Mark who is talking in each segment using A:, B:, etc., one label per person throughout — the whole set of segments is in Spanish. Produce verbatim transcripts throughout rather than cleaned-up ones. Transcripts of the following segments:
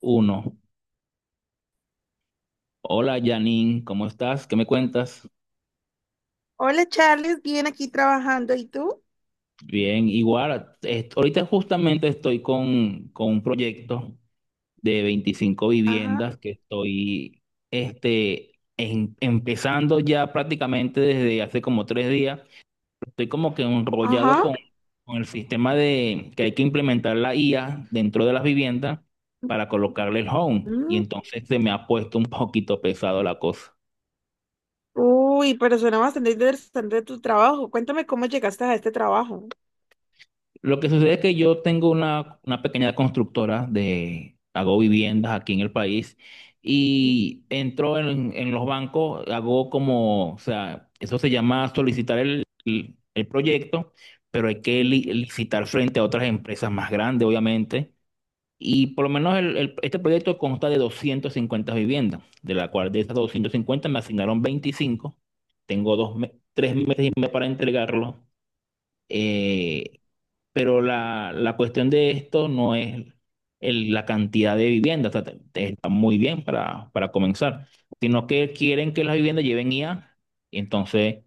A: Uno. Hola Janine, ¿cómo estás? ¿Qué me cuentas?
B: Hola Charles, bien aquí trabajando. ¿Y tú?
A: Bien, igual, est- ahorita justamente estoy con, con un proyecto de veinticinco
B: Ajá,
A: viviendas que estoy este, em- empezando ya prácticamente desde hace como tres días. Estoy como que enrollado
B: ajá.
A: con, con el sistema de que hay que implementar la I A dentro de las viviendas para colocarle el home. Y
B: Mm,
A: entonces se me ha puesto un poquito pesado la cosa.
B: Uy, pero suena bastante interesante tu trabajo. Cuéntame cómo llegaste a este trabajo.
A: Lo que sucede es que yo tengo una, una pequeña constructora de, hago viviendas aquí en el país y entro en, en los bancos, hago como, o sea, eso se llama solicitar el, el- el proyecto, pero hay que li- licitar frente a otras empresas más grandes, obviamente. Y por lo menos el- el- este proyecto consta de doscientas cincuenta viviendas, de la cual de esas doscientas cincuenta me asignaron veinticinco. Tengo dos, me- tres meses y medio para entregarlo. Eh, pero la, la cuestión de esto no es el- la cantidad de viviendas, o está muy bien para, para comenzar, sino que quieren que las viviendas lleven I A, y entonces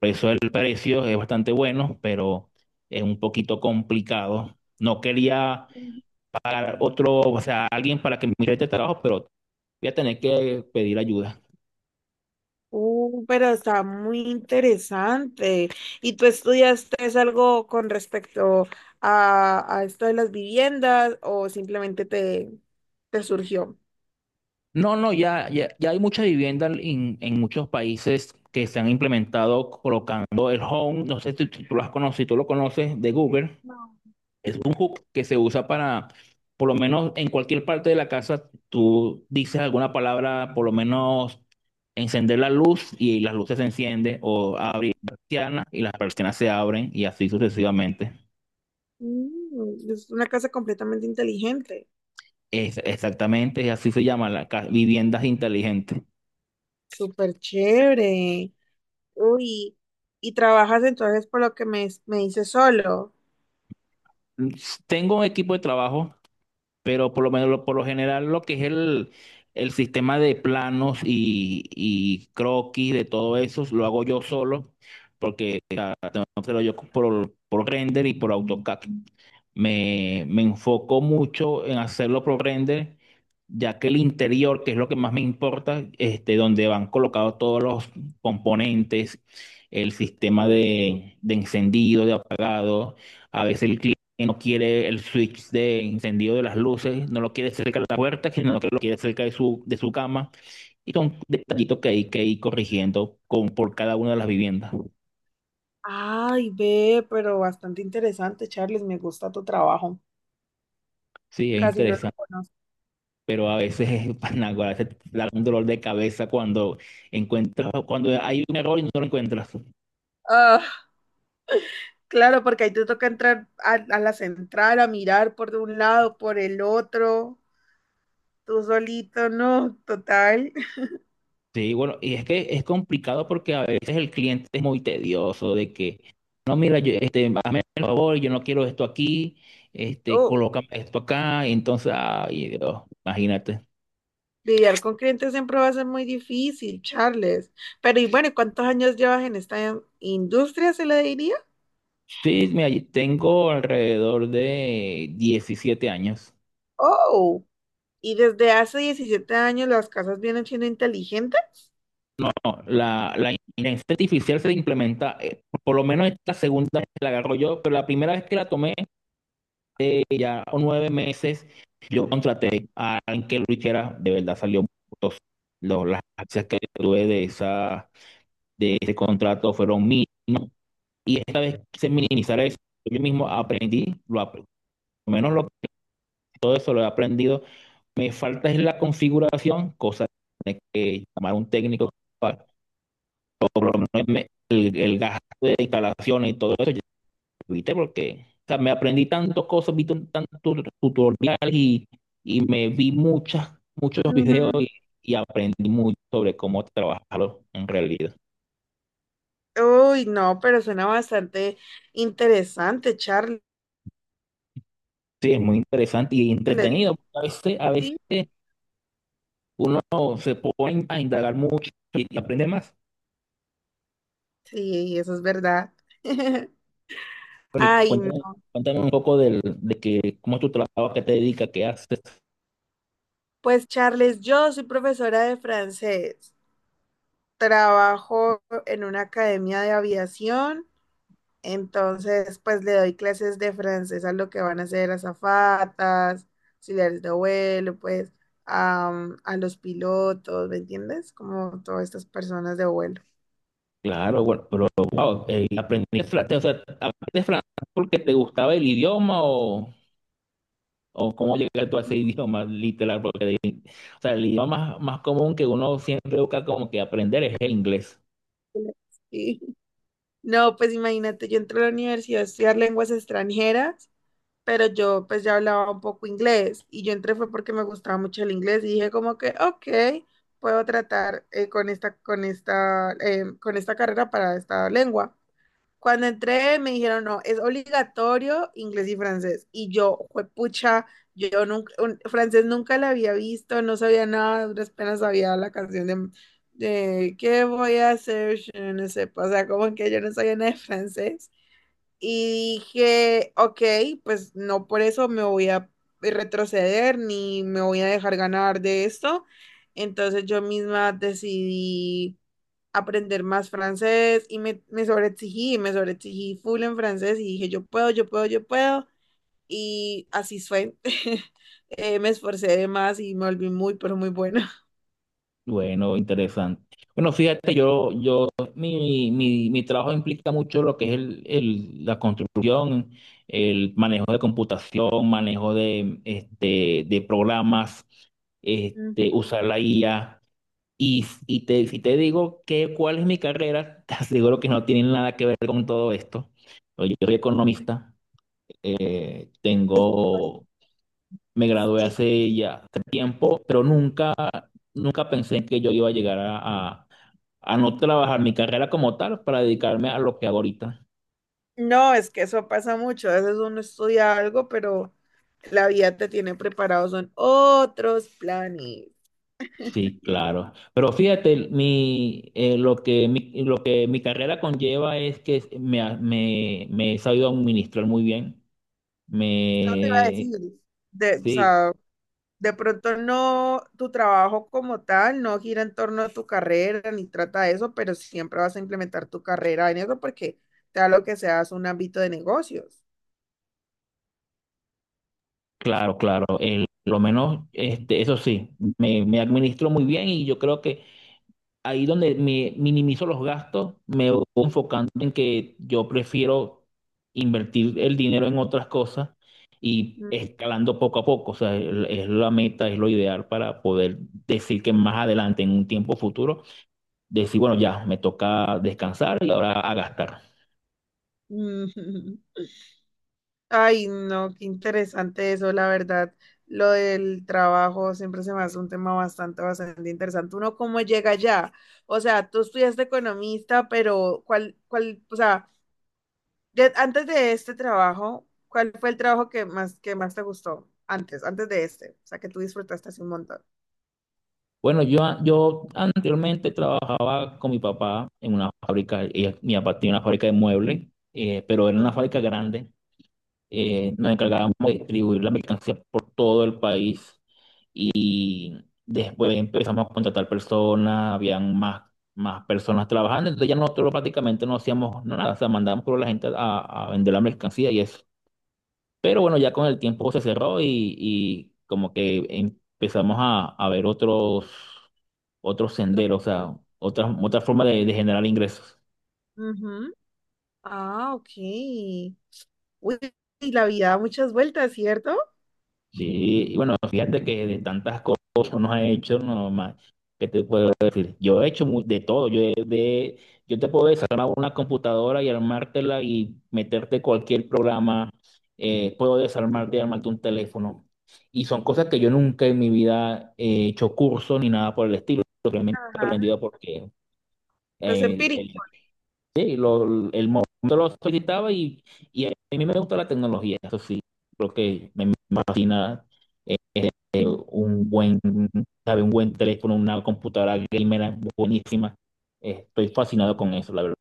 A: por eso el precio es bastante bueno, pero es un poquito complicado. No quería
B: Mm.
A: otro, o sea, alguien para que me mire este trabajo, pero voy a tener que pedir ayuda.
B: Uh, pero está muy interesante. ¿Y tú estudiaste es algo con respecto a, a esto de las viviendas o simplemente te, te surgió?
A: No, no, ya, ya, ya hay mucha vivienda en, en muchos países que se han implementado colocando el Home, no sé si tú, tú lo has conocido, si tú lo conoces, de Google.
B: No.
A: Es un hook que se usa para, por lo menos en cualquier parte de la casa, tú dices alguna palabra, por lo menos encender la luz y las luces se encienden, o abrir la persiana y las persianas se abren y así sucesivamente.
B: Mm, es una casa completamente inteligente.
A: Es, exactamente, así se llama, la, ca- viviendas inteligentes.
B: Súper chévere. Uy, y trabajas entonces por lo que me, me dices solo.
A: Tengo un equipo de trabajo, pero por lo menos lo- por lo general lo que es el, el sistema de planos y, y croquis de todo eso lo hago yo solo, porque pero yo por, por render y por AutoCAD. Me, me enfoco mucho en hacerlo por render, ya que el interior, que es lo que más me importa, este, donde van colocados todos los componentes, el sistema
B: Sí.
A: de, de encendido, de apagado, a veces el cliente no quiere el switch de encendido de las luces, no lo quiere cerca de la puerta, sino que lo quiere cerca de su, de su cama. Y son detallitos que hay que ir corrigiendo con, por cada una de las viviendas.
B: Ay, ve, pero bastante interesante, Charles, me gusta tu trabajo.
A: Sí, es
B: Casi no lo
A: interesante,
B: conozco.
A: pero a veces es panágora, a veces te da un dolor de cabeza cuando encuentras, cuando hay un error y no lo encuentras.
B: Ah, claro, porque ahí te toca entrar a, a la central, a mirar por un lado, por el otro, tú solito, no, total.
A: Sí, bueno, y es que es complicado porque a veces el cliente es muy tedioso de que, no, mira, yo, este, hazme el favor, yo no quiero esto aquí, este,
B: Oh,
A: coloca esto acá, y entonces, ay, Dios, imagínate.
B: lidiar con clientes siempre va a ser muy difícil, Charles. Pero y bueno, ¿cuántos años llevas en esta industria, se le diría?
A: Sí, mira, yo tengo alrededor de diecisiete años.
B: Oh. Y desde hace diecisiete años las casas vienen siendo inteligentes.
A: No, la, la inteligencia artificial se implementa, eh, por lo menos esta segunda vez que la agarro yo, pero la primera vez que la tomé eh, ya nueve meses, yo contraté a alguien que lo hiciera, de verdad salió muy costoso. Lo- las acciones que tuve de esa, de ese contrato fueron mínimas. Y esta vez quise minimizar eso. Yo mismo aprendí, lo, ap- por lo menos lo- todo eso lo he aprendido. Me falta es la configuración, cosa que tiene que llamar un técnico para, o por lo menos me- el, el gasto de instalaciones y todo eso. ¿Viste? Porque o sea, me aprendí tantas cosas, vi tan- tantos tutoriales y, y me vi muchas, muchos videos
B: Ujú.
A: y, y aprendí mucho sobre cómo trabajarlo en realidad.
B: Uy, no, pero suena bastante interesante, Charles.
A: Sí, es muy interesante y entretenido. Porque A veces, a
B: Sí,
A: veces uno se pone a indagar mucho y, y aprende más.
B: sí, eso es verdad.
A: Bueno, y cu-
B: Ay, no.
A: cuéntame, cuéntame un poco del, de que, cómo es tu trabajo, qué te dedicas, qué haces.
B: Pues Charles, yo soy profesora de francés. Trabajo en una academia de aviación. Entonces, pues le doy clases de francés a lo que van a ser azafatas, auxiliares de vuelo, pues am, a los pilotos, ¿me entiendes? Como todas estas personas de vuelo.
A: Claro, bueno, pero wow, eh, aprendiste francés, o sea, aprendiste francés porque te gustaba el idioma o... o cómo llegar tú a ese idioma literal, porque de- o sea, el idioma más, más común que uno siempre busca como que aprender es el inglés.
B: Sí. No, pues imagínate, yo entré a la universidad a estudiar lenguas extranjeras, pero yo pues ya hablaba un poco inglés y yo entré fue porque me gustaba mucho el inglés y dije como que, ok, puedo tratar eh, con esta, con esta, em, con esta carrera para esta lengua. Cuando entré me dijeron, no, es obligatorio inglés y francés. Y yo, pucha, yo nunca, un- francés nunca la había visto, no sabía nada, apenas sabía la canción de, de ¿Qué voy a hacer? Yo no sé, o sea, como que yo no sabía nada de francés. Y dije, ok, pues no por eso me voy a retroceder ni me voy a dejar ganar de esto. Entonces yo misma decidí aprender más francés y me, me sobreexigí, me sobreexigí full en francés y dije, yo puedo, yo puedo, yo puedo. Y así fue. Eh, me esforcé de más y me volví muy, pero muy buena.
A: Bueno, interesante. Bueno, fíjate, yo, yo, mi, mi, mi trabajo implica mucho lo que es el, el- la construcción, el manejo de computación, manejo de, este, de programas, este,
B: Mm.
A: usar la I A. Y, y te, si te digo que cuál es mi carrera, te aseguro que no tiene nada que ver con todo esto. Yo soy economista. Eh, Tengo, me gradué
B: Sí.
A: hace ya tiempo, pero nunca, nunca pensé que yo iba a llegar a, a- a no trabajar mi carrera como tal para dedicarme a lo que hago ahorita.
B: No, es que eso pasa mucho. A veces uno estudia algo, pero la vida te tiene preparado, son otros planes.
A: Sí, claro. Pero fíjate, mi, eh, lo que mi, lo que mi carrera conlleva es que me, ha- me, me he sabido administrar muy bien.
B: Yo te iba a
A: Me,
B: decir, de, o
A: sí,
B: sea, de pronto no, tu trabajo como tal no gira en torno a tu carrera ni trata de eso, pero siempre vas a implementar tu carrera en eso porque sea lo que seas un ámbito de negocios.
A: claro, claro. El- lo menos, este, eso sí, me, me administro muy bien y yo creo que ahí donde me minimizo los gastos, me voy enfocando en que yo prefiero invertir el dinero en otras cosas y escalando poco a poco. O sea, el- es la meta, es lo ideal para poder decir que más adelante, en un tiempo futuro, decir, bueno, ya me toca descansar y ahora a gastar.
B: Ay, no, qué interesante eso, la verdad. Lo del trabajo siempre se me hace un tema bastante, bastante interesante. Uno cómo llega allá. O sea, tú estudiaste economista, pero ¿cuál, cuál, o sea, de- antes de este trabajo, ¿cuál fue el trabajo que más, que más, te gustó? Antes, antes de este, o sea, que tú disfrutaste así un montón.
A: Bueno, yo, yo anteriormente trabajaba con mi papá en una fábrica, y mi papá tenía una fábrica de muebles, eh, pero era una
B: Ajá.
A: fábrica grande. Eh, nos encargábamos de distribuir la mercancía por todo el país y después empezamos a contratar personas, habían más, más personas trabajando, entonces ya nosotros prácticamente no hacíamos nada, o sea, mandábamos por la gente a, a vender la mercancía y eso. Pero bueno, ya con el tiempo se cerró y, y como que empezamos a, a ver otros, otros
B: Otro-
A: senderos, o sea, otras otra forma de de generar ingresos.
B: Ujú. Ah, ok. Uy, y la vida da muchas vueltas, ¿cierto?
A: Sí, y bueno, fíjate que de tantas cosas que uno ha hecho, no más, ¿qué te puedo decir? Yo he hecho mu- de todo, yo, he- de, yo te puedo desarmar una computadora y armártela y meterte cualquier programa, eh, puedo desarmarte y armarte un teléfono. Y son cosas que yo nunca en mi vida he hecho curso ni nada por el estilo, realmente he
B: Ajá.
A: aprendido porque
B: Los
A: eh, el
B: empíricos.
A: sí, lo- el momento lo solicitaba y, y a mí me gusta la tecnología, eso sí, creo que me fascina eh, eh, un buen, sabe, un buen teléfono, una computadora gamer buenísima. Eh, Estoy fascinado con eso, la verdad.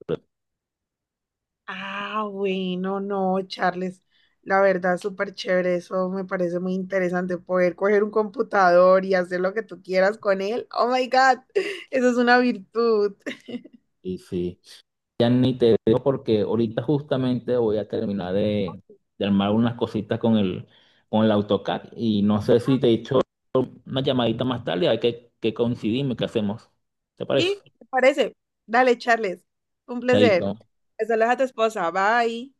B: Ah, bueno, no, Charles. La verdad, súper chévere. Eso me parece muy interesante. Poder coger un computador y hacer lo que tú quieras con él. Oh my God. Eso es una virtud.
A: Y sí, ya ni te digo porque ahorita justamente voy a terminar de, de armar unas cositas con el, con el AutoCAD y no sé si te he hecho una llamadita más tarde, hay que, que coincidimos, ¿qué hacemos? ¿Te parece?
B: ¿Sí? ¿Te parece? Dale, Charles. Un
A: Chaito.
B: placer. Saludos a tu esposa. Bye.